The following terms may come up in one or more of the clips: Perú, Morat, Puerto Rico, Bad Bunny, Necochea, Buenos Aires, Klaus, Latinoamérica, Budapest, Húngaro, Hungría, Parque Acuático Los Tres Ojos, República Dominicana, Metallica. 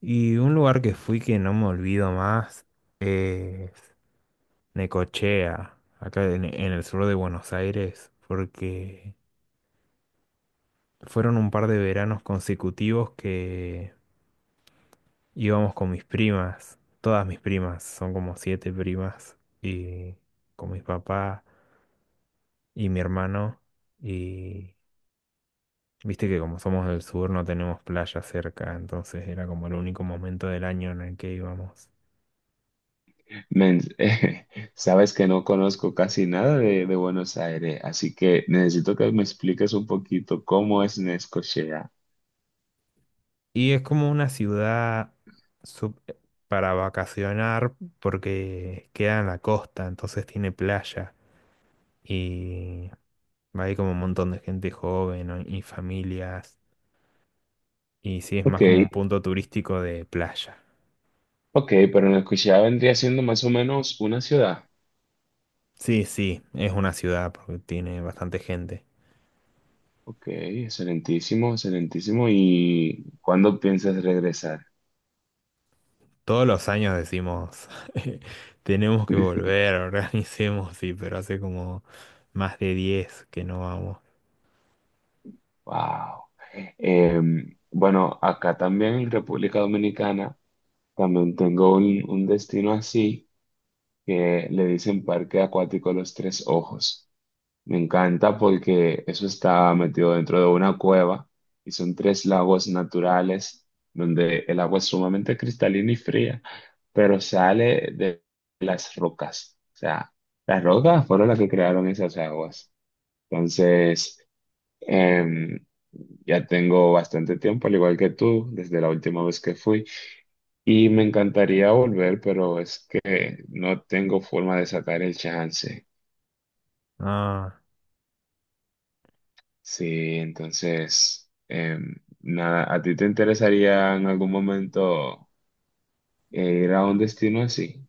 Y un lugar que fui que no me olvido más es Necochea, acá en el sur de Buenos Aires, porque fueron un par de veranos consecutivos que íbamos con mis primas, todas mis primas, son como siete primas, y con mis papás y mi hermano, y viste que como somos del sur no tenemos playa cerca, entonces era como el único momento del año en el que íbamos. Men, sabes que no conozco casi nada de Buenos Aires, así que necesito que me expliques un poquito cómo es Necochea. Y es como una ciudad sup- eh, para vacacionar porque queda en la costa, entonces tiene playa. Y hay como un montón de gente joven, ¿no? Y familias. Y sí, es Ok, más como un punto turístico de playa. ok, pero Necochea vendría siendo más o menos una ciudad. Sí, sí, es una ciudad porque tiene bastante gente. Ok, excelentísimo, excelentísimo. ¿Y cuándo piensas regresar? Todos los años decimos, tenemos que volver, organicemos, sí, pero hace como más de 10 que no vamos. Wow. Bueno, acá también en República Dominicana también tengo un destino así que le dicen Parque Acuático Los Tres Ojos. Me encanta porque eso está metido dentro de una cueva y son tres lagos naturales donde el agua es sumamente cristalina y fría, pero sale de las rocas. O sea, las rocas fueron las que crearon esas aguas. Entonces, em, ya tengo bastante tiempo, al igual que tú, desde la última vez que fui. Y me encantaría volver, pero es que no tengo forma de sacar el chance. Ah. Sí, entonces, nada, ¿a ti te interesaría en algún momento ir a un destino así?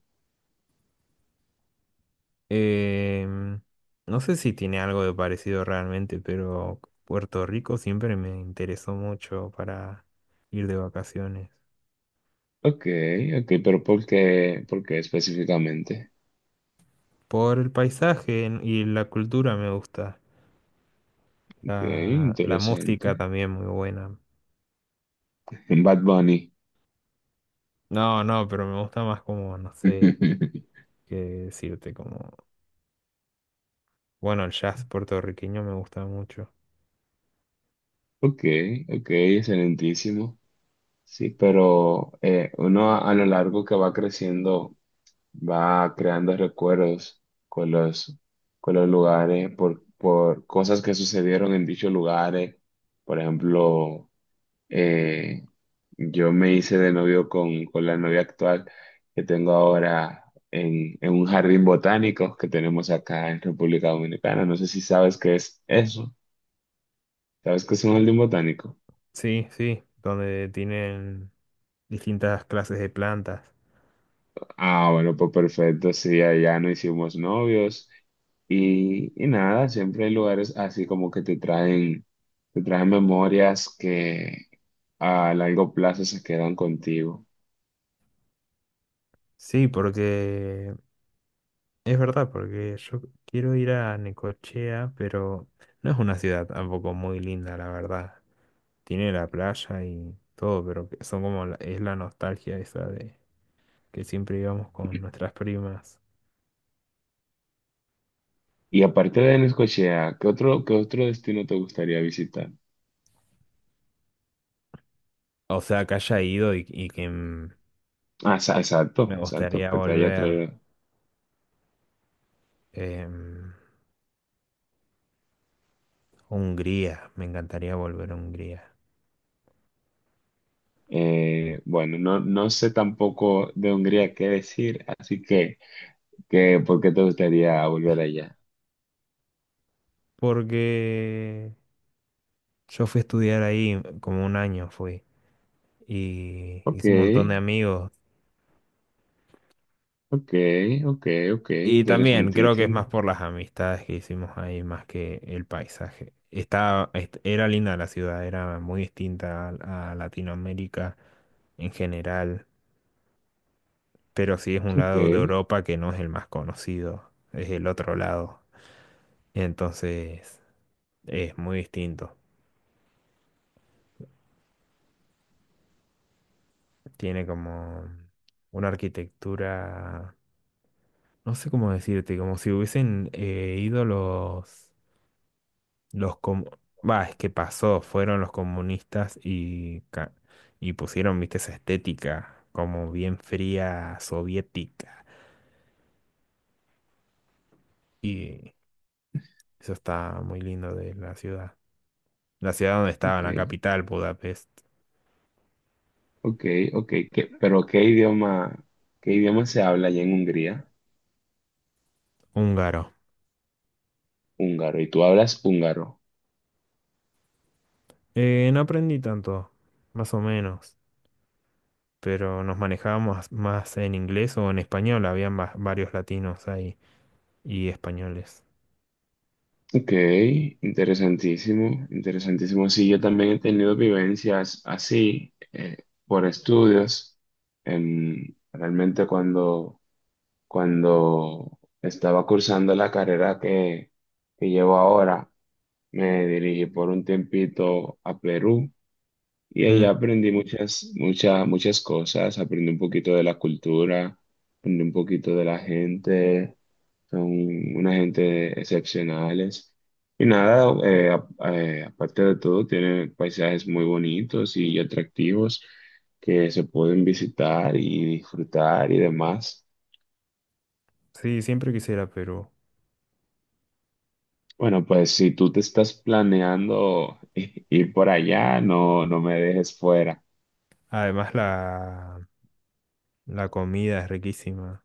Em, no sé si tiene algo de parecido realmente, pero Puerto Rico siempre me interesó mucho para ir de vacaciones. Ok, ok, pero ¿por qué? ¿Por qué específicamente? Por el paisaje y la cultura me gusta. Ok, La música interesante. también muy buena. Bad Bunny. No, no, pero me gusta más como, no sé qué decirte, como. Bueno, el jazz puertorriqueño me gusta mucho. Ok, ok, excelentísimo. Sí, pero uno a lo largo que va creciendo va creando recuerdos con con los lugares, por cosas que sucedieron en dichos lugares. Por ejemplo, eh, yo me hice de novio con la novia actual que tengo ahora en un jardín botánico que tenemos acá en República Dominicana. No sé si sabes qué es eso. ¿Sabes qué es un jardín botánico? Sí, sí, donde tienen distintas clases de plantas. Ah, bueno, pues perfecto, sí, allá no hicimos novios y nada, siempre hay lugares así como que te traen memorias que a largo plazo se quedan contigo. Sí, porque es verdad, porque yo quiero ir a Necochea, pero no es una ciudad tampoco muy linda, la verdad. Tiene la playa y todo, pero que son como es la nostalgia esa de que siempre íbamos con nuestras primas. Y aparte de Necochea, qué otro destino te gustaría visitar? O sea, que haya ido y que Ah, exacto, me exacto, gustaría que te haya volver traído. em, Hungría, me encantaría volver a Hungría. Bueno, no, no sé tampoco de Hungría qué decir, así que ¿por qué te gustaría volver allá? Porque yo fui a estudiar ahí, como un año fui, y Ok. hice un montón de amigos. Ok, ok, ok, Y también creo que es interesantísimo. más por las amistades que hicimos ahí, más que el paisaje. Era linda la ciudad, era muy distinta a Latinoamérica en general, pero sí es un Ok, lado de Europa que no es el más conocido, es el otro lado. Entonces es muy distinto. Tiene como una arquitectura, no sé cómo decirte, como si hubiesen ido los. Los com- Bah, es que pasó, fueron los comunistas y pusieron, viste, esa estética como bien fría soviética. Y eso está muy lindo de la ciudad. La ciudad donde estaba, ok, la capital, Budapest. ok, ok. Pero qué idioma se habla allá en Hungría? Húngaro. Húngaro, y tú hablas húngaro. No aprendí tanto, más o menos, pero nos manejábamos más en inglés o en español. Habían varios latinos ahí y españoles. Ok, interesantísimo, interesantísimo. Sí, yo también he tenido vivencias así por estudios. Realmente cuando estaba cursando la carrera que llevo ahora, me dirigí por un tiempito a Perú. Y ahí Mm, aprendí muchas, muchas, muchas cosas. Aprendí un poquito de la cultura, aprendí un poquito de la gente. Son una gente excepcionales. Y nada, aparte de todo, tiene paisajes muy bonitos y atractivos que se pueden visitar y disfrutar y demás. sí, siempre quisiera Perú. Bueno, pues si tú te estás planeando ir por allá, no, no me dejes fuera. Además, la. La comida es riquísima.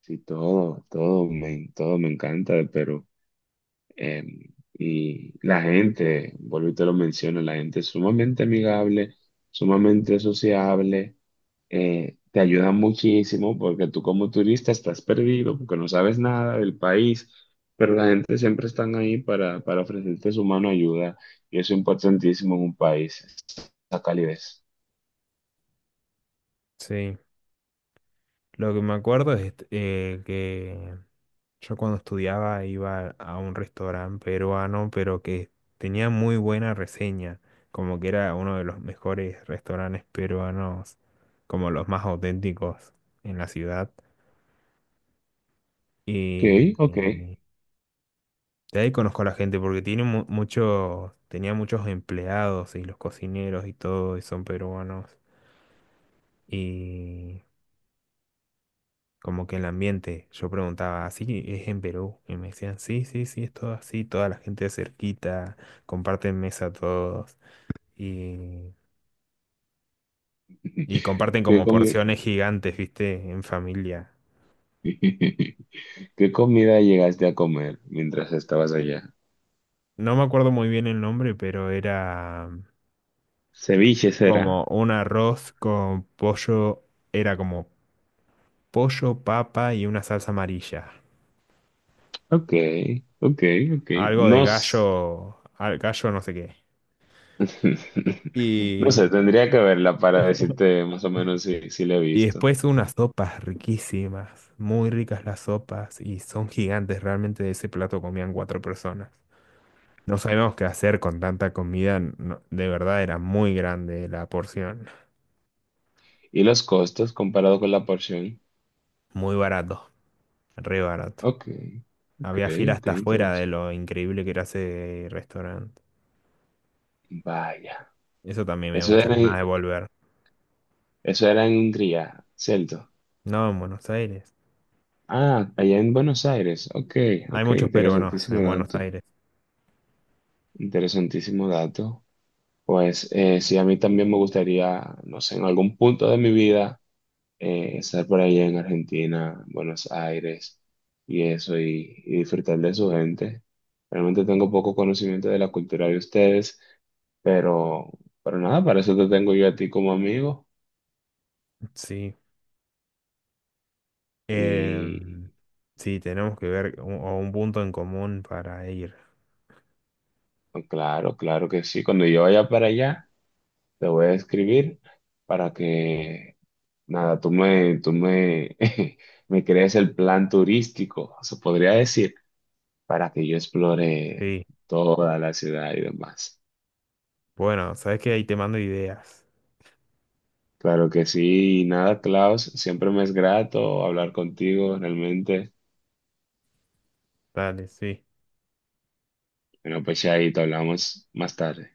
Sí, todo, todo me encanta de Perú. Eh, y la gente, vuelvo y te lo menciono, la gente es sumamente amigable, sumamente sociable, te ayuda muchísimo porque tú como turista estás perdido, porque no sabes nada del país, pero la gente siempre están ahí para ofrecerte su mano ayuda y eso es importantísimo en un país, esa calidez. Sí. Lo que me acuerdo es que yo cuando estudiaba iba a un restaurante peruano, pero que tenía muy buena reseña. Como que era uno de los mejores restaurantes peruanos, como los más auténticos en la ciudad. Ok, Y, ok. y de ahí conozco a la gente porque tiene mucho, tenía muchos empleados y los cocineros y todo, y son peruanos. Y como que el ambiente, yo preguntaba, ¿así es en Perú? Y me decían, sí, sí, sí, es todo así, toda la gente cerquita, comparten mesa todos y, y comparten ¿Qué como comi- porciones gigantes, ¿viste? En familia. ¿Qué comida llegaste a comer mientras estabas allá? No me acuerdo muy bien el nombre, pero era Ceviche será. como un arroz con pollo, era como pollo, papa y una salsa amarilla. Ok, ok, ok. Algo de No, s- gallo, gallo no sé no qué. sé, tendría que verla para decirte más o menos si la he Y visto. después unas sopas riquísimas, muy ricas las sopas y son gigantes, realmente de ese plato comían cuatro personas. No sabíamos qué hacer con tanta comida, de verdad era muy grande la porción, Y los costos comparado con la porción. muy barato, re barato. Ok, ok, Había fila ok, hasta afuera de interesante. lo increíble que era ese restaurante. Vaya. Eso también me da Eso muchas era, ganas de en- volver. Eso era en Hungría, ¿cierto? No, en Buenos Aires. Ah, allá en Buenos Aires. Ok, Hay ok, muchos peruanos interesantísimo en Buenos dato. Aires. Interesantísimo dato. Pues sí, a mí también me gustaría, no sé, en algún punto de mi vida. Eh, estar por allá en Argentina, Buenos Aires y eso, y disfrutar de su gente. Realmente tengo poco conocimiento de la cultura de ustedes, pero, pero nada, para eso te tengo yo a ti como amigo. Sí. Y Em, sí, tenemos que ver un, o un punto en común para ir. pues, claro, claro que sí. Cuando yo vaya para allá, te voy a escribir para que, nada, tú me, me crees el plan turístico, se podría decir, para que yo explore Sí. toda la ciudad y demás. Bueno, sabes que ahí te mando ideas. Claro que sí, y nada, Klaus, siempre me es grato hablar contigo, realmente. Dale, sí. Bueno, pues ya ahí te hablamos más tarde.